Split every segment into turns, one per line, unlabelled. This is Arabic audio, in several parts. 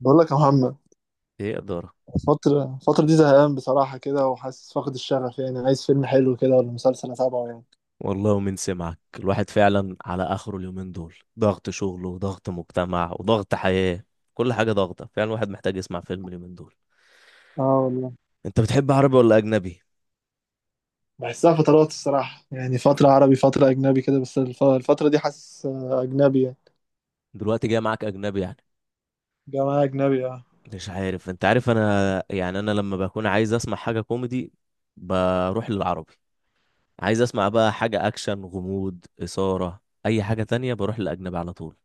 بقول لك يا محمد.
ايه إدارة.
الفترة دي زهقان بصراحة كده، وحاسس فاقد الشغف يعني، عايز فيلم حلو كده ولا مسلسل أتابعه يعني.
والله ومن سمعك الواحد فعلا على آخره، اليومين دول ضغط شغل وضغط مجتمع وضغط حياة، كل حاجة ضغطة. فعلا الواحد محتاج يسمع فيلم اليومين دول.
اه والله.
انت بتحب عربي ولا أجنبي؟
بحسها فترات الصراحة يعني، فترة عربي فترة أجنبي كده، بس الفترة دي حاسس، أجنبي يعني.
دلوقتي جاي معاك أجنبي يعني.
جماعة أجنبي، اه.
مش عارف، انت عارف انا يعني لما بكون عايز اسمع حاجة كوميدي بروح للعربي. عايز اسمع بقى حاجة اكشن غموض إثارة، اي حاجة تانية بروح للأجنبي على طول.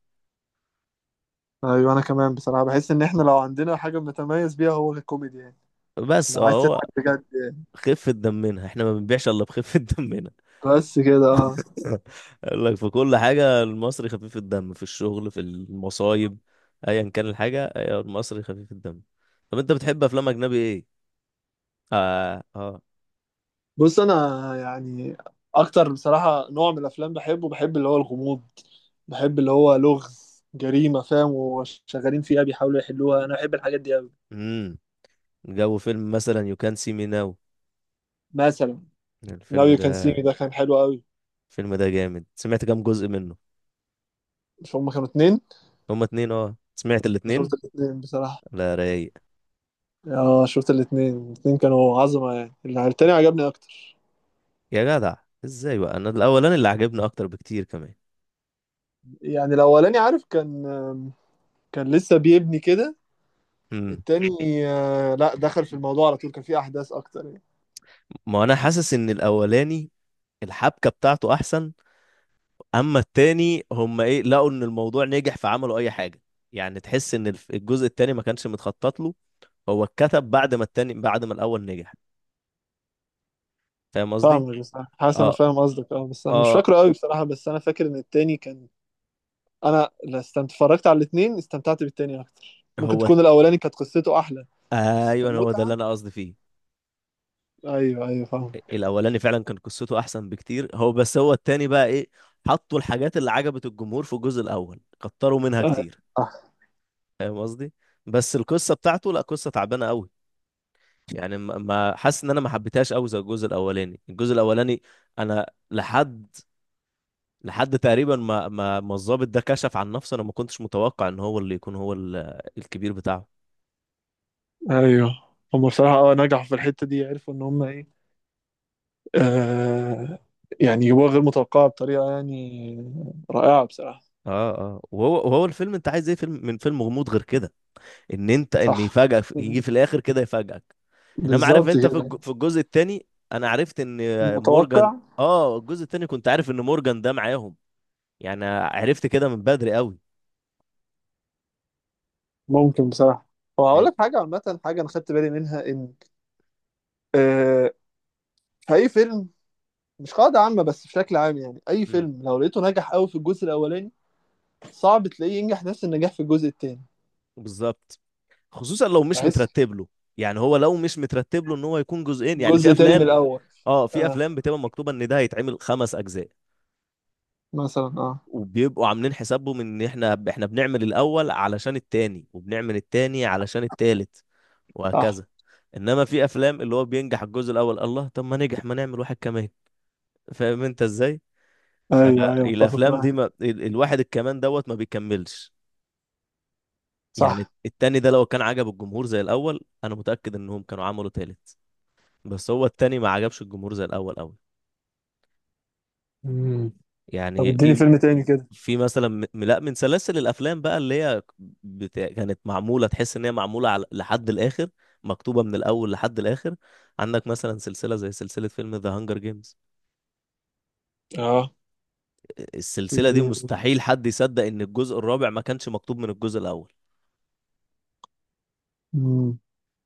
أيوة، أنا كمان بصراحة بحس إن إحنا لو عندنا حاجة متميز بيها هو الكوميدي، يعني
بس
لو عايز
هو
تضحك بجد يعني.
خفة دمنا، احنا ما بنبيعش الا بخفة دمنا.
بس كده، اه.
قال لك في كل حاجة المصري خفيف الدم، في الشغل، في المصايب، ايا كان الحاجة، أيوة المصري خفيف الدم. طب انت بتحب افلام اجنبي ايه؟ اه اه.
بص انا يعني، اكتر بصراحه نوع من الافلام بحبه بحب اللي هو الغموض، بحب اللي هو لغز جريمه، فاهم، وشغالين فيها بيحاولوا يحلوها. انا بحب الحاجات دي قوي.
امم جو فيلم مثلا يو كان سي مي ناو،
مثلا ناو
الفيلم
يو كان سي مي
ده
ده كان حلو قوي.
الفيلم ده جامد. سمعت كام جزء منه؟
مش هما كانوا اتنين؟
هما اتنين، اه، سمعت
انا
الاتنين؟
شفت الاتنين بصراحه.
لا رايق.
اه، شفت الاتنين. الاتنين كانوا عظمه يعني. التاني عجبني اكتر.
يا جدع، ازاي بقى؟ انا الاولاني اللي عجبني اكتر بكتير كمان.
يعني الاولاني، عارف، كان لسه بيبني كده.
امم
التاني، لا، دخل في الموضوع على طول، كان فيه احداث اكتر
ما انا حاسس ان الاولاني الحبكة بتاعته احسن. اما التاني هم ايه، لقوا ان الموضوع نجح فعملوا اي حاجه. يعني تحس ان الجزء التاني ما كانش متخطط له، هو اتكتب بعد
يعني.
ما الاول نجح. فاهم قصدي؟
فاهمك، بس أنا حاسس انا
اه
فاهم قصدك، اه، بس انا مش
اه
فاكره قوي بصراحه، بس انا فاكر ان التاني كان. انا لا استمت... اتفرجت على الاتنين، استمتعت بالتاني اكتر، ممكن
هو.
تكون الاولاني كانت قصته احلى. بس
ايوه هو ده اللي
كمتعه.
انا قصدي فيه.
ايوه ايوه فاهم.
الاولاني فعلا كان قصته احسن بكتير. هو بس هو التاني بقى ايه؟ حطوا الحاجات اللي عجبت الجمهور في الجزء الاول، كتروا منها
آه،
كتير.
صح.
فاهم قصدي؟ بس القصه بتاعته لا، قصه تعبانه قوي. يعني حاسس ان انا ما حبيتهاش قوي زي الجزء الاولاني. الجزء الاولاني انا لحد لحد تقريبا ما ما ما الضابط ده كشف عن نفسه، انا ما كنتش متوقع ان هو اللي يكون الكبير بتاعه.
ايوه. هم بصراحه، اه، نجحوا في الحته دي، عرفوا ان هم ايه. آه. يعني يبقوا غير متوقعه بطريقه يعني رائعه بصراحه.
اه اه. وهو الفيلم انت عايز ايه فيلم من فيلم غموض غير كده؟ ان
صح،
يفاجئك، يجي في الاخر كده يفاجئك. انما عارف
بالظبط
انت في
كده.
في الجزء التاني انا عرفت ان مورجان،
متوقع.
اه الجزء التاني كنت عارف ان مورجان ده معاهم، يعني عرفت كده من بدري قوي.
ممكن بصراحه. هو هقول
لان
لك حاجه عامه، حاجه انا خدت بالي منها ان، آه، فأي فيلم، مش قاعدة عامة بس بشكل عام يعني، أي
مم،
فيلم لو لقيته نجح أوي في الجزء الأولاني، صعب تلاقيه ينجح نفس النجاح في الجزء التاني.
بالظبط. خصوصا لو مش
بحس
مترتب له، يعني هو لو مش مترتب له ان هو يكون جزئين. يعني في
جزء تاني من
افلام،
الأول.
اه في
آه،
افلام بتبقى مكتوبه ان ده هيتعمل خمس اجزاء،
مثلا. آه،
وبيبقوا عاملين حسابهم ان احنا بنعمل الاول علشان التاني، وبنعمل التاني علشان التالت،
صح.
وهكذا. انما في افلام اللي هو بينجح الجزء الاول، الله طب ما نجح، ما نعمل واحد كمان، فاهم انت ازاي؟
أيوه أيوه متفق
فالافلام دي
معاك.
ما الواحد الكمان دوت ما بيكملش. يعني
صح.
التاني ده لو كان عجب الجمهور زي الاول انا متاكد انهم كانوا عملوا تالت، بس هو التاني ما عجبش الجمهور زي الاول قوي.
مم. طب
يعني
اديني
في
فيلم تاني كده.
في مثلا لا، من سلاسل الافلام بقى اللي هي كانت معموله تحس ان هي لحد الاخر، مكتوبه من الاول لحد الاخر. عندك مثلا سلسله زي سلسله فيلم ذا هانجر جيمز،
اه.
السلسله دي مستحيل حد يصدق ان الجزء الرابع ما كانش مكتوب من الجزء الاول.
مم.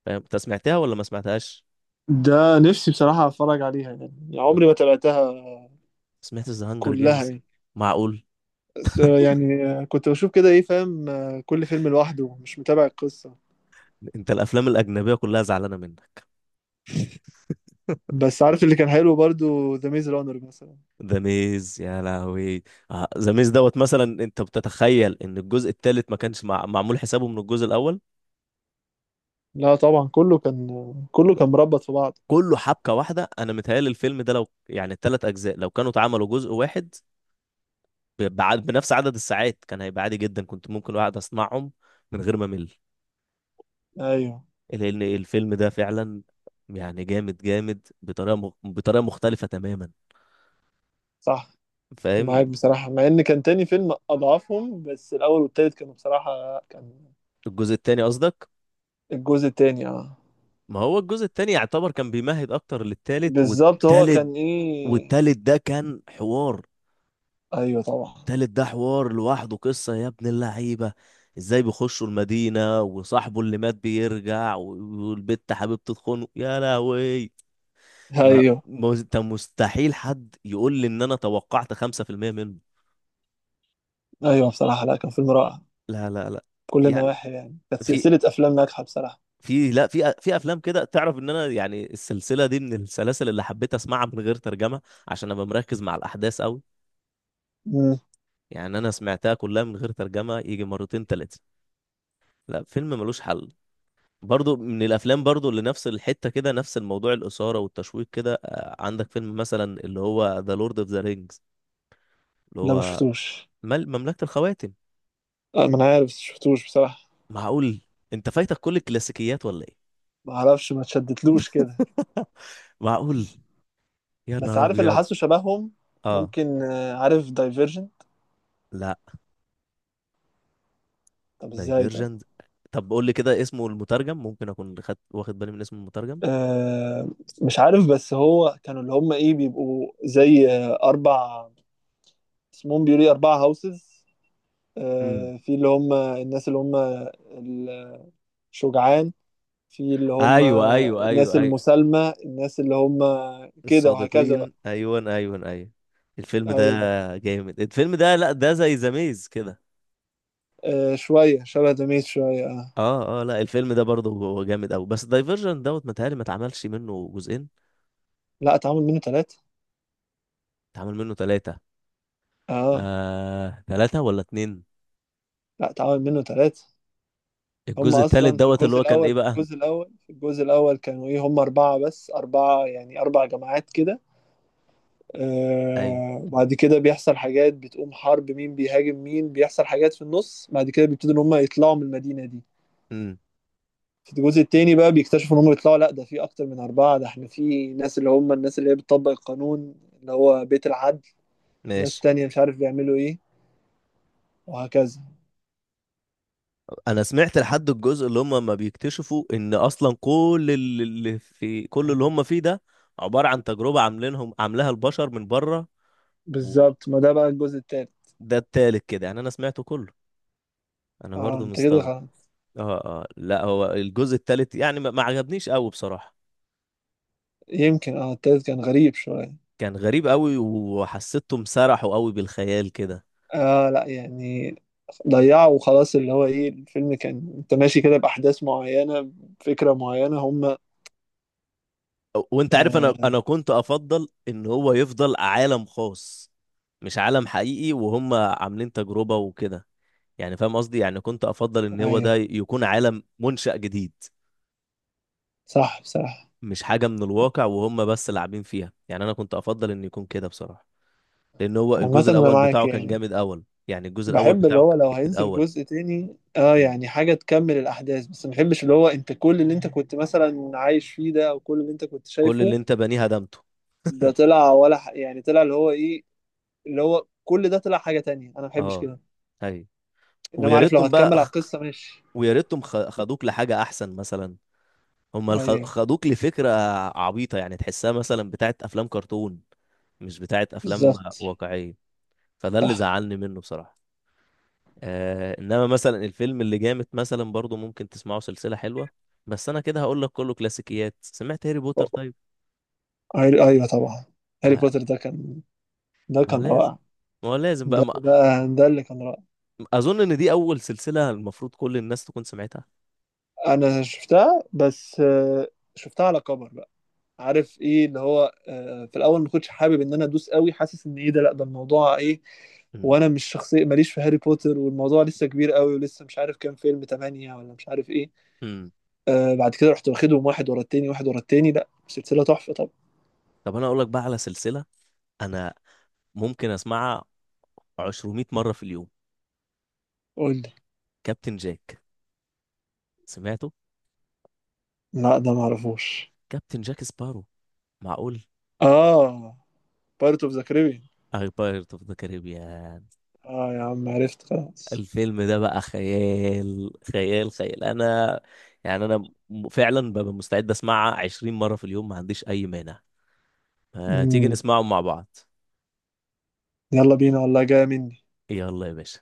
فاهم انت، سمعتها ولا ما سمعتهاش؟
ده نفسي بصراحة أتفرج عليها يعني
م-
عمري ما تابعتها
سمعت ذا هانجر
كلها
جيمز؟
يعني.
معقول،
بس، يعني، كنت بشوف كده إيه، فاهم، كل فيلم لوحده مش متابع القصة.
انت الافلام الاجنبيه كلها زعلانه منك.
بس عارف اللي كان حلو برضو ذا ميز رانر مثلا.
ذا ميز يا لهوي، ذا ميز دوت مثلا، انت بتتخيل ان الجزء الثالث ما كانش معمول حسابه من الجزء الاول؟
لا طبعا، كله كان مربط في بعض.
كله حبكه واحده. انا متهيألي الفيلم ده لو يعني الثلاث اجزاء لو كانوا اتعملوا جزء واحد بنفس عدد الساعات كان هيبقى عادي جدا، كنت ممكن واحد اسمعهم من غير ما امل.
ايوه.
لان الفيلم ده فعلا يعني جامد جامد، بطريقه مختلفه تماما.
صح معاك
فاهم.
بصراحة، مع ان كان تاني فيلم اضعفهم، بس الاول والتالت كانوا بصراحة كان.
الجزء الثاني قصدك؟
الجزء التاني اه.
ما هو الجزء الثاني يعتبر كان بيمهد اكتر للثالث،
بالظبط هو
والثالث
كان ايه.
والثالث ده كان حوار.
ايوه طبعا.
تالت ده حوار لوحده، قصة يا ابن اللعيبة. ازاي بيخشوا المدينة، وصاحبه اللي مات بيرجع، والبت حبيبته تخونه يا لهوي.
ايوه
انت مستحيل حد يقول لي ان انا توقعت 5% منه.
ايوه بصراحة، لا كان فيلم رائع.
لا لا لا.
كل
يعني
النواحي يعني كانت
في
سلسلة افلام ناجحة بصراحة.
في لا في في افلام كده، تعرف ان انا يعني السلسلة دي من السلاسل اللي حبيت اسمعها من غير ترجمة، عشان ابقى مركز مع الاحداث قوي.
امم.
يعني انا سمعتها كلها من غير ترجمة يجي مرتين تلاتة. لا فيلم ملوش حل. برضو من الافلام برضو اللي نفس الحته كده، نفس الموضوع الاثاره والتشويق كده، عندك فيلم مثلا اللي هو ذا لورد اوف ذا رينجز، اللي
لا ما
هو
شفتوش.
مل مملكه الخواتم.
ما انا عارف بس شفتوش بصراحة.
معقول، انت فايتك كل الكلاسيكيات ولا ايه؟
ما اعرفش، ما تشدتلوش كده.
معقول، يا
بس
نهار
عارف اللي
ابيض.
حاسه شبههم،
اه
ممكن. عارف دايفيرجن؟
لا،
طب ازاي؟ طب.
دايفيرجنت. طب قول لي كده اسمه المترجم، ممكن اكون واخد بالي من اسم المترجم.
آه، مش عارف. بس هو كانوا اللي هم ايه، بيبقوا زي، اربع. اسمهم بيقولوا ايه، اربع هاوسز.
امم.
في اللي هم الناس اللي هم الشجعان، في اللي هم
ايوه ايوه
الناس
ايوه ايوه
المسالمة، الناس اللي هم كده وهكذا بقى.
الصادقين، ايوه، ايوه، ايوه. الفيلم
ايوه.
ده جامد. الفيلم ده لا، ده زي ذا ميز كده.
آه، شوية شبه دميت شوية. آه.
اه اه لا، الفيلم ده برضه هو جامد قوي. بس دايفرجن دوت متهيألي ما اتعملش منه جزئين.
لا اتعمل منه ثلاثة.
اتعمل منه ثلاثة؟
اه،
آه، ثلاثة ولا اتنين؟
لا اتعمل منه ثلاثة. هم
الجزء الثالث
اصلا في
دوت اللي
الجزء
هو كان ايه
الاول في
بقى؟
الجزء الاول في الجزء الاول كانوا ايه، هم اربعة، بس اربعة يعني اربع جماعات كده.
ايوه.
آه، بعد كده بيحصل حاجات، بتقوم حرب، مين بيهاجم مين، بيحصل حاجات في النص، بعد كده بيبتدوا ان هم يطلعوا من المدينة دي.
امم.
في الجزء التاني بقى بيكتشفوا ان هم يطلعوا، لا ده في اكتر من اربعة، ده احنا في ناس اللي هم الناس اللي هي بتطبق القانون، اللي هو بيت العدل، ناس
ماشي.
تانية مش عارف بيعملوا ايه، وهكذا.
انا سمعت لحد الجزء اللي هم ما بيكتشفوا ان اصلا كل اللي هم فيه ده عبارة عن تجربة، عاملينهم عاملاها البشر من بره. وده
بالظبط، ما ده بقى الجزء التالت.
التالت كده، يعني انا سمعته كله. انا
اه،
برضه
انت كده
مستغرب.
خلاص.
اه اه لا، هو الجزء التالت يعني ما ما عجبنيش قوي بصراحة.
يمكن. اه، التالت كان غريب شوية.
كان غريب قوي، وحسيتهم سرحوا قوي بالخيال كده.
اه، لا يعني ضيعوا وخلاص، اللي هو ايه، الفيلم كان انت ماشي كده بأحداث معينة، فكرة معينة هم.
وانت عارف انا
آه.
انا كنت افضل ان هو يفضل عالم خاص، مش عالم حقيقي وهم عاملين تجربة وكده. يعني فاهم قصدي، يعني كنت افضل ان هو ده
ايوه،
يكون عالم منشأ جديد،
صح بصراحة.
مش حاجة من الواقع وهم بس لاعبين فيها. يعني انا كنت افضل ان يكون كده بصراحة. لان هو
عامة
الجزء
انا
الاول
معاك
بتاعه كان
يعني.
جامد اول، يعني الجزء الاول
بحب اللي
بتاعه
هو
كان
لو
جامد
هينزل
اول.
جزء تاني، اه
مم.
يعني، حاجة تكمل الأحداث، بس ما بحبش اللي هو انت، كل اللي انت كنت مثلا عايش فيه ده، او كل اللي انت كنت
كل اللي
شايفه.
انت بنيه هدمته.
ده طلع ولا يعني طلع اللي هو ايه، اللي هو كل ده طلع حاجة تانية، انا ما بحبش
اه،
كده.
ايوه.
انما
ويا
عارف لو
ريتهم
هتكمل
بقى،
على القصة ماشي.
ويا ريتهم خدوك لحاجة أحسن مثلا. هما
ايوه،
خدوك لفكرة عبيطة، يعني تحسها مثلا بتاعت أفلام كرتون، مش بتاعت أفلام
بالظبط.
واقعية. فده اللي
صح.
زعلني منه بصراحة. آه، إنما مثلا الفيلم اللي جامد مثلا برضو ممكن تسمعه، سلسلة حلوة. بس أنا كده هقول لك، كله كلاسيكيات، سمعت هاري بوتر طيب؟
ايوه طبعا. هاري
آه
بوتر ده
ما
كان
لازم،
رائع.
ما هو لازم بقى
ده
ما...
ده, ده اللي كان رائع.
أظن إن دي أول سلسلة المفروض كل الناس تكون سمعتها.
انا شفتها بس، شفتها على كبر بقى. عارف ايه اللي هو، في الاول ما كنتش حابب ان انا ادوس قوي، حاسس ان ايه ده، لا ده الموضوع ايه.
امم.
وانا مش شخصيه ماليش في هاري بوتر، والموضوع لسه كبير قوي، ولسه مش عارف كام فيلم، تمانية ولا مش عارف ايه.
امم.
آه، بعد كده رحت واخدهم واحد ورا التاني واحد ورا التاني. لا سلسله تحفه. طب
طب أنا أقول لك بقى على سلسلة، أنا ممكن أسمعها 200 مرة في اليوم.
قول لي.
كابتن جاك، سمعته؟
لا ده ما اعرفوش.
كابتن جاك سبارو. معقول.
اه، بارت اوف ذا كاريبيان.
أي، بايرت اوف ذا كاريبيان.
اه يا عم، عرفت خلاص.
الفيلم ده بقى خيال خيال خيال. انا يعني فعلا ببقى مستعد اسمعها 20 مرة في اليوم، ما عنديش اي مانع. ما تيجي
امم.
نسمعهم مع بعض؟
يلا بينا والله، جايه مني.
يلا يا باشا.